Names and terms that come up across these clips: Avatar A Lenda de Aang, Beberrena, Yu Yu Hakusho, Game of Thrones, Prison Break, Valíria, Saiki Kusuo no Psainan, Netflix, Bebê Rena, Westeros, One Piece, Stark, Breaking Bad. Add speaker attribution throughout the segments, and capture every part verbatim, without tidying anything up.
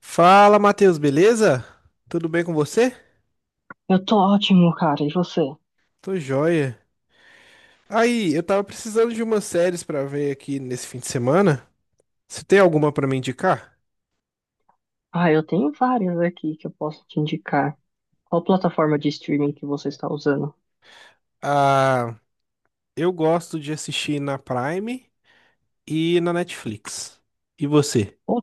Speaker 1: Fala, Matheus, beleza? Tudo bem com você?
Speaker 2: Eu tô ótimo, cara. E você?
Speaker 1: Tô joia. Aí, eu tava precisando de umas séries pra ver aqui nesse fim de semana. Você tem alguma pra me indicar?
Speaker 2: Ah, eu tenho várias aqui que eu posso te indicar. Qual plataforma de streaming que você está usando?
Speaker 1: Ah, eu gosto de assistir na Prime e na Netflix. E você?
Speaker 2: O-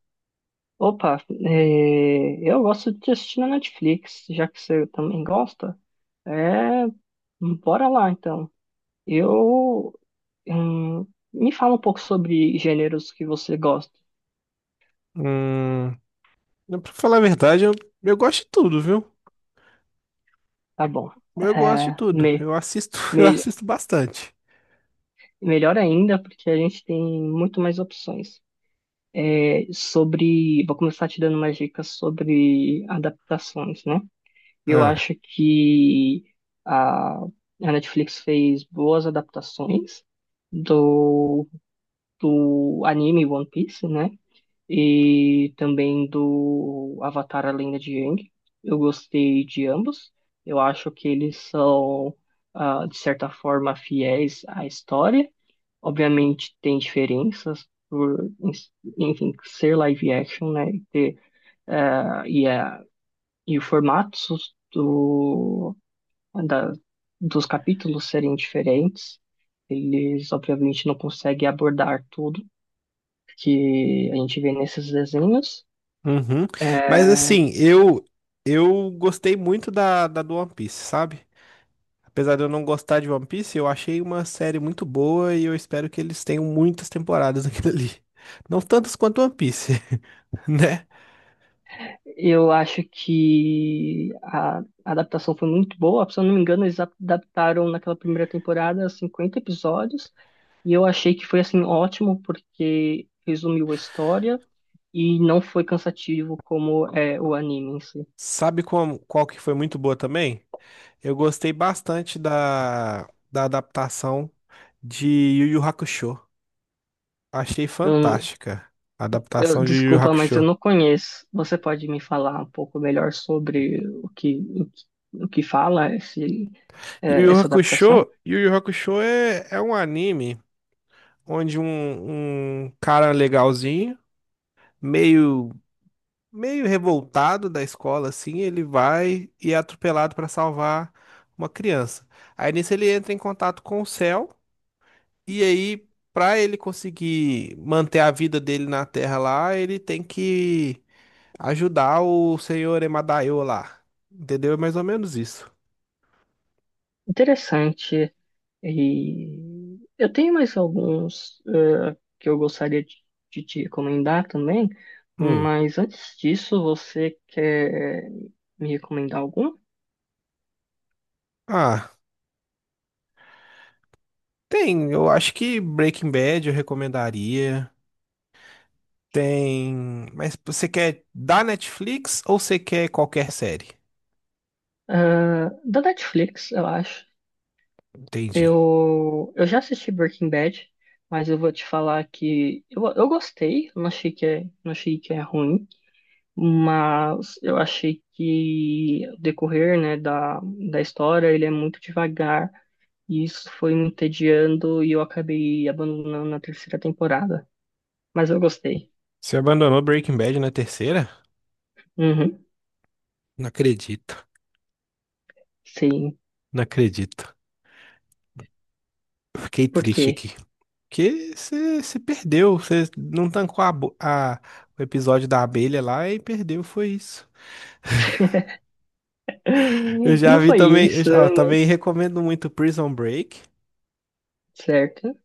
Speaker 2: Opa, é, eu gosto de assistir na Netflix, já que você também gosta. É, Bora lá então. Eu, hum, Me fala um pouco sobre gêneros que você gosta.
Speaker 1: Hum, pra falar a verdade, eu, eu gosto de tudo, viu?
Speaker 2: Tá bom.
Speaker 1: Eu gosto de
Speaker 2: É,
Speaker 1: tudo.
Speaker 2: me-
Speaker 1: Eu assisto, eu
Speaker 2: me-
Speaker 1: assisto bastante.
Speaker 2: Melhor ainda, porque a gente tem muito mais opções. É, sobre. Vou começar te dando umas dicas sobre adaptações, né? Eu
Speaker 1: Ah,
Speaker 2: acho que a, a Netflix fez boas adaptações do, do anime One Piece, né? E também do Avatar A Lenda de Aang. Eu gostei de ambos. Eu acho que eles são, ah, de certa forma, fiéis à história. Obviamente tem diferenças por, ens- enfim, ser live action, né? E, ter, eh, e, a e o formato do, da, dos capítulos serem diferentes. Eles, obviamente, não conseguem abordar tudo que a gente vê nesses desenhos.
Speaker 1: uhum. Mas
Speaker 2: Eh,
Speaker 1: assim, eu eu gostei muito da, da do One Piece, sabe? Apesar de eu não gostar de One Piece, eu achei uma série muito boa e eu espero que eles tenham muitas temporadas naquilo ali. Não tantas quanto One Piece, né?
Speaker 2: eu acho que a a adaptação foi muito boa. Se eu não me engano, eles adaptaram naquela primeira temporada cinquenta episódios. E eu achei que foi assim ótimo porque resumiu a história e não foi cansativo como é o anime em si.
Speaker 1: Sabe como, qual que foi muito boa também? Eu gostei bastante da, da adaptação de Yu Yu Hakusho. Achei
Speaker 2: Eu,
Speaker 1: fantástica a
Speaker 2: eu-
Speaker 1: adaptação de Yu Yu
Speaker 2: Desculpa, mas eu
Speaker 1: Hakusho.
Speaker 2: não conheço. Você pode me falar um pouco melhor sobre o que o, que- o que fala esse,
Speaker 1: Yu
Speaker 2: é,
Speaker 1: Yu
Speaker 2: essa adaptação?
Speaker 1: Hakusho, Yu Yu Hakusho é, é um anime onde um, um cara legalzinho, meio meio revoltado da escola, assim, ele vai e é atropelado para salvar uma criança. Aí nisso ele entra em contato com o céu, e aí, para ele conseguir manter a vida dele na Terra lá, ele tem que ajudar o senhor Emadaio lá. Entendeu? É mais ou menos isso.
Speaker 2: Interessante. E eu tenho mais alguns é, que eu gostaria de, de te recomendar também,
Speaker 1: Hum.
Speaker 2: mas antes disso, você quer me recomendar algum?
Speaker 1: Ah, tem. Eu acho que Breaking Bad eu recomendaria. Tem. Mas você quer da Netflix ou você quer qualquer série?
Speaker 2: Ah, da Netflix, eu acho.
Speaker 1: Entendi.
Speaker 2: Eu, eu já assisti Breaking Bad, mas eu vou te falar que eu, eu gostei, não achei que é, não achei que é ruim, mas eu achei que o decorrer, né, da, da história, ele é muito devagar, e isso foi me entediando e eu acabei abandonando na terceira temporada. Mas eu gostei.
Speaker 1: Você abandonou Breaking Bad na terceira?
Speaker 2: Uhum,
Speaker 1: Não acredito,
Speaker 2: sim.
Speaker 1: não acredito. Fiquei
Speaker 2: Por quê?
Speaker 1: triste aqui. Porque você você perdeu, você não tancou a, bo- a- o episódio da abelha lá e perdeu, foi isso. Eu já
Speaker 2: Não
Speaker 1: vi
Speaker 2: foi
Speaker 1: também, eu,
Speaker 2: isso,
Speaker 1: já- ó,
Speaker 2: né?
Speaker 1: também recomendo muito Prison Break
Speaker 2: Certo.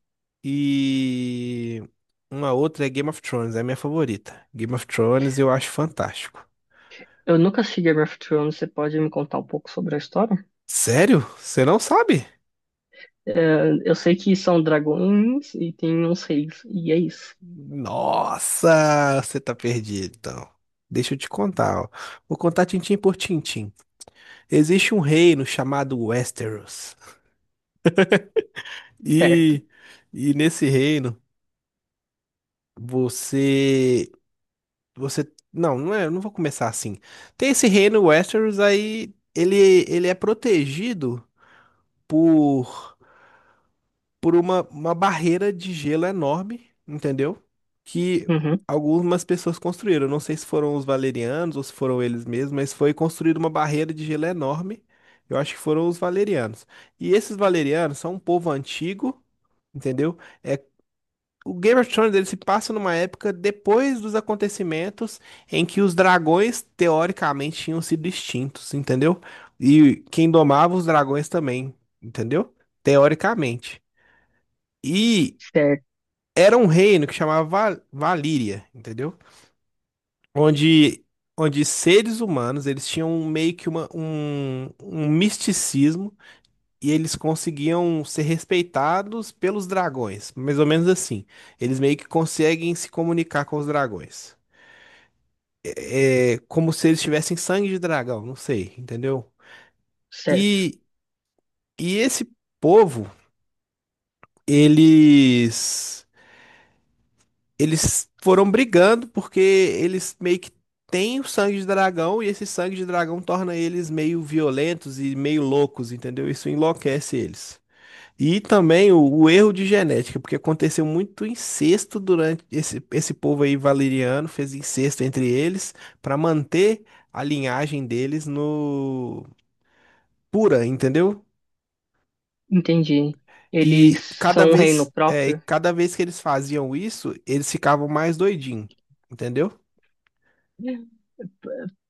Speaker 1: e uma outra é Game of Thrones, é a minha favorita. Game of Thrones eu acho fantástico.
Speaker 2: Eu nunca assisti Game of Thrones, você pode me contar um pouco sobre a história?
Speaker 1: Sério? Você não sabe?
Speaker 2: Eh, Eu sei que são dragões e tem uns reis, e é isso.
Speaker 1: Nossa, você tá perdido, então. Deixa eu te contar, ó. Vou contar tintim por tintim. Existe um reino chamado Westeros.
Speaker 2: Certo.
Speaker 1: E, e nesse reino, você, você, não, não é, eu não vou começar assim. Tem esse reino Westeros aí, ele, ele é protegido por por uma, uma barreira de gelo enorme, entendeu? Que
Speaker 2: Uhum.
Speaker 1: algumas pessoas construíram. Não sei se foram os valerianos ou se foram eles mesmos, mas foi construída uma barreira de gelo enorme. Eu acho que foram os valerianos. E esses valerianos são um povo antigo, entendeu? É, o Game of Thrones ele se passa numa época depois dos acontecimentos em que os dragões, teoricamente, tinham sido extintos, entendeu? E quem domava os dragões também, entendeu? Teoricamente. E
Speaker 2: Certo,
Speaker 1: era um reino que chamava Va- Valíria, entendeu? Onde, onde seres humanos, eles tinham meio que uma, um, um misticismo e eles conseguiam ser respeitados pelos dragões, mais ou menos assim. Eles meio que conseguem se comunicar com os dragões. É como se eles tivessem sangue de dragão, não sei, entendeu?
Speaker 2: certo.
Speaker 1: E, e esse povo, eles Eles foram brigando porque eles meio que têm o sangue de dragão e esse sangue de dragão torna eles meio violentos e meio loucos, entendeu? Isso enlouquece eles. E também o, o erro de genética, porque aconteceu muito incesto durante esse, esse povo aí valeriano, fez incesto entre eles para manter a linhagem deles no pura, entendeu?
Speaker 2: Entendi. Eles
Speaker 1: E cada
Speaker 2: são um reino
Speaker 1: vez, é,
Speaker 2: próprio?
Speaker 1: cada vez que eles faziam isso, eles ficavam mais doidinhos, entendeu?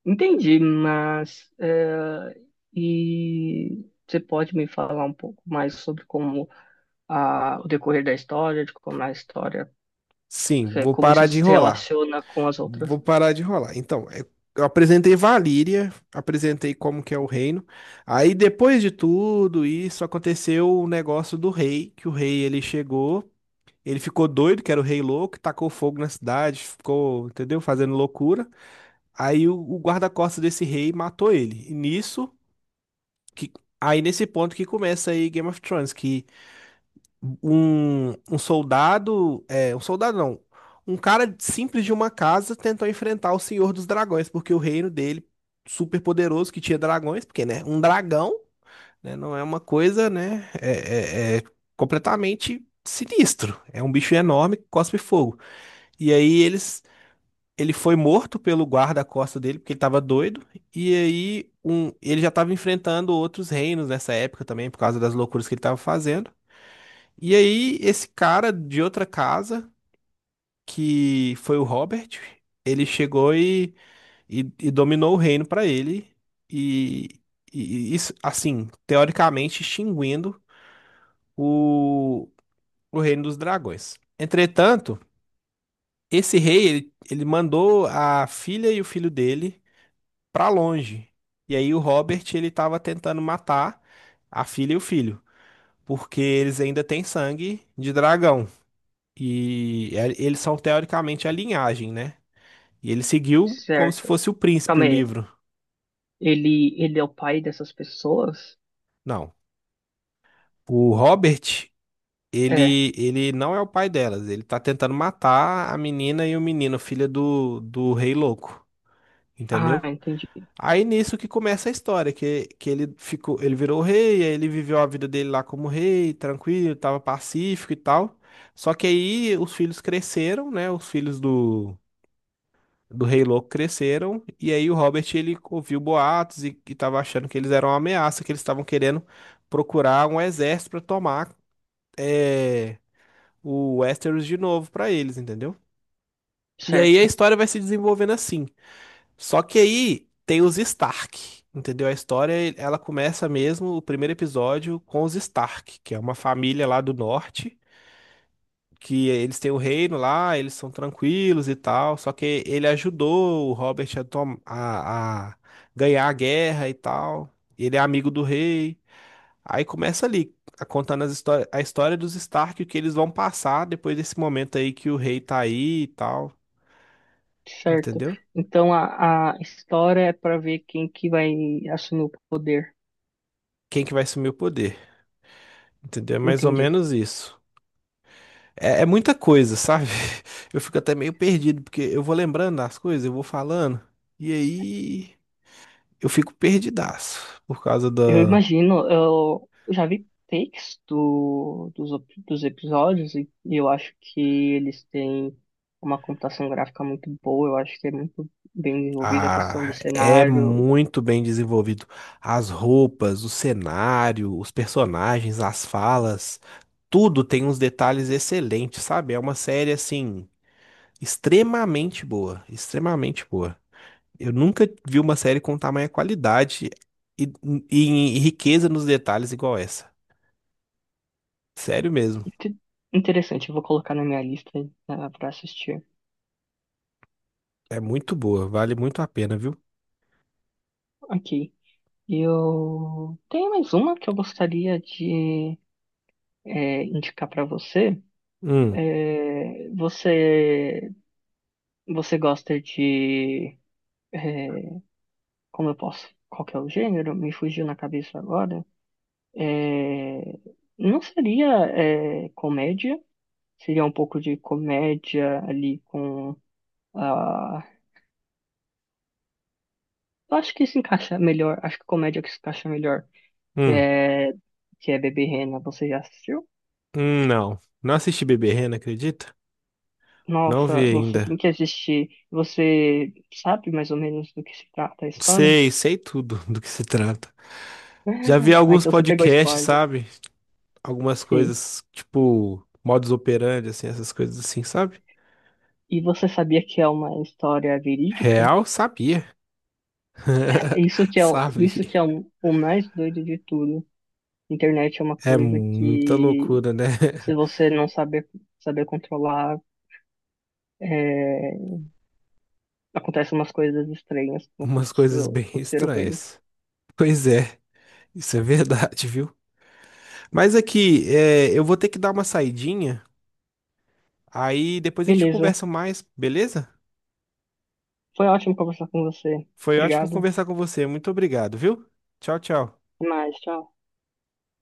Speaker 2: Entendi, mas eh, e você pode me falar um pouco mais sobre como a, o decorrer da história, de como a história,
Speaker 1: Sim,
Speaker 2: eh,
Speaker 1: vou
Speaker 2: como
Speaker 1: parar
Speaker 2: isso
Speaker 1: de
Speaker 2: se
Speaker 1: enrolar.
Speaker 2: relaciona com as outras?
Speaker 1: Vou parar de enrolar. Então, é- eu apresentei Valíria, apresentei como que é o reino. Aí, depois de tudo isso, aconteceu o negócio do rei, que o rei, ele chegou, ele ficou doido, que era o rei louco, tacou fogo na cidade, ficou, entendeu? Fazendo loucura. Aí, o, o guarda-costas desse rei matou ele. E nisso, que, aí nesse ponto que começa aí Game of Thrones, que um, um soldado, é, um soldado não, um cara simples de uma casa tentou enfrentar o Senhor dos Dragões, porque o reino dele, super poderoso, que tinha dragões, porque, né, um dragão, né, não é uma coisa, né, é, é- é completamente sinistro. É um bicho enorme que cospe fogo. E aí eles... Ele foi morto pelo guarda-costa dele, porque ele tava doido. E aí, um, ele já tava enfrentando outros reinos nessa época também, por causa das loucuras que ele tava fazendo. E aí, esse cara de outra casa, que foi o Robert, ele chegou e, e, e dominou o reino para ele. E, e e isso, assim, teoricamente extinguindo o, o reino dos dragões. Entretanto, esse rei, ele, ele mandou a filha e o filho dele para longe. E aí o Robert, ele tava tentando matar a filha e o filho, porque eles ainda têm sangue de dragão. E é- eles são teoricamente a linhagem, né? E ele seguiu como se
Speaker 2: Certo.
Speaker 1: fosse o príncipe o
Speaker 2: Calma aí.
Speaker 1: livro.
Speaker 2: Ele, ele é o pai dessas pessoas?
Speaker 1: Não. O Robert,
Speaker 2: É.
Speaker 1: ele, ele não é o pai delas. Ele tá tentando matar a menina e o menino, filha do, do rei louco.
Speaker 2: Ah,
Speaker 1: Entendeu?
Speaker 2: entendi.
Speaker 1: Aí nisso que começa a história, que, que ele ficou, ele virou rei, aí ele viveu a vida dele lá como rei, tranquilo, tava pacífico e tal. Só que aí os filhos cresceram, né? Os filhos do do Rei Louco cresceram, e aí o Robert ele ouviu boatos e, e tava achando que eles eram uma ameaça, que eles estavam querendo procurar um exército para tomar é, o Westeros de novo para eles, entendeu? E aí a
Speaker 2: Certo,
Speaker 1: história vai se desenvolvendo assim. Só que aí tem os Stark, entendeu? A história ela começa mesmo, o primeiro episódio, com os Stark, que é uma família lá do norte que eles têm o reino lá, eles são tranquilos e tal. Só que ele ajudou o Robert a, tom- a- a ganhar a guerra e tal. Ele é amigo do rei. Aí começa ali, a- contando as histó- a história dos Stark, o que eles vão passar depois desse momento aí que o rei tá aí e tal.
Speaker 2: certo.
Speaker 1: Entendeu?
Speaker 2: Então a, a história é para ver quem que vai assumir o poder.
Speaker 1: Quem que vai assumir o poder? Entendeu? É mais ou
Speaker 2: Entendi.
Speaker 1: menos isso. É, é muita coisa, sabe? Eu fico até meio perdido, porque eu vou lembrando das coisas, eu vou falando. E aí. Eu fico perdidaço por causa
Speaker 2: Eu
Speaker 1: da.
Speaker 2: imagino, eu já vi takes do, dos, op- dos episódios e, e eu acho que eles têm uma computação gráfica muito boa, eu acho que é muito bem desenvolvida a questão de
Speaker 1: Ah, é
Speaker 2: cenário.
Speaker 1: muito bem desenvolvido. As roupas, o cenário, os personagens, as falas, tudo tem uns detalhes excelentes, sabe? É uma série assim, extremamente boa, extremamente boa. Eu nunca vi uma série com tamanha qualidade e, e e riqueza nos detalhes igual essa. Sério mesmo.
Speaker 2: Inte- Interessante, eu vou colocar na minha lista, para assistir.
Speaker 1: É muito boa, vale muito a pena, viu?
Speaker 2: Ok. Eu tenho mais uma que eu gostaria de é, indicar para você.
Speaker 1: Hum,
Speaker 2: É, você você gosta de é, como eu posso? Qual que é o gênero? Me fugiu na cabeça agora. É, não seria é, comédia? Seria um pouco de comédia ali com a. Eu acho que se encaixa melhor. Acho que comédia que se encaixa melhor. Que
Speaker 1: hum,
Speaker 2: é que é Bebê Rena. Você já assistiu?
Speaker 1: hum, não. Não assisti Beberrena, acredita? Não vi
Speaker 2: Nossa, você
Speaker 1: ainda.
Speaker 2: tem que assistir. Você sabe mais ou menos do que se trata a história?
Speaker 1: Sei, sei tudo do que se trata. Já vi
Speaker 2: Ah,
Speaker 1: alguns
Speaker 2: então você pegou
Speaker 1: podcasts,
Speaker 2: spoiler.
Speaker 1: sabe? Algumas
Speaker 2: Sim.
Speaker 1: coisas, tipo, modus operandi, assim, essas coisas assim, sabe?
Speaker 2: E você sabia que é uma história verídica?
Speaker 1: Real, sabia.
Speaker 2: Isso que é, o- isso
Speaker 1: Sabia.
Speaker 2: que é o, o mais doido de tudo. Internet é uma
Speaker 1: É
Speaker 2: coisa
Speaker 1: muita
Speaker 2: que,
Speaker 1: loucura, né?
Speaker 2: se você não saber, saber controlar, é, acontecem umas coisas estranhas, como
Speaker 1: Umas coisas
Speaker 2: aconteceu,
Speaker 1: bem
Speaker 2: aconteceram com eles.
Speaker 1: estranhas. Pois é, isso é verdade, viu? Mas aqui, é, eu vou ter que dar uma saidinha. Aí depois a gente
Speaker 2: Beleza.
Speaker 1: conversa mais, beleza?
Speaker 2: Foi ótimo conversar com você.
Speaker 1: Foi ótimo
Speaker 2: Obrigado.
Speaker 1: conversar com você. Muito obrigado, viu? Tchau, tchau.
Speaker 2: Até mais. Tchau.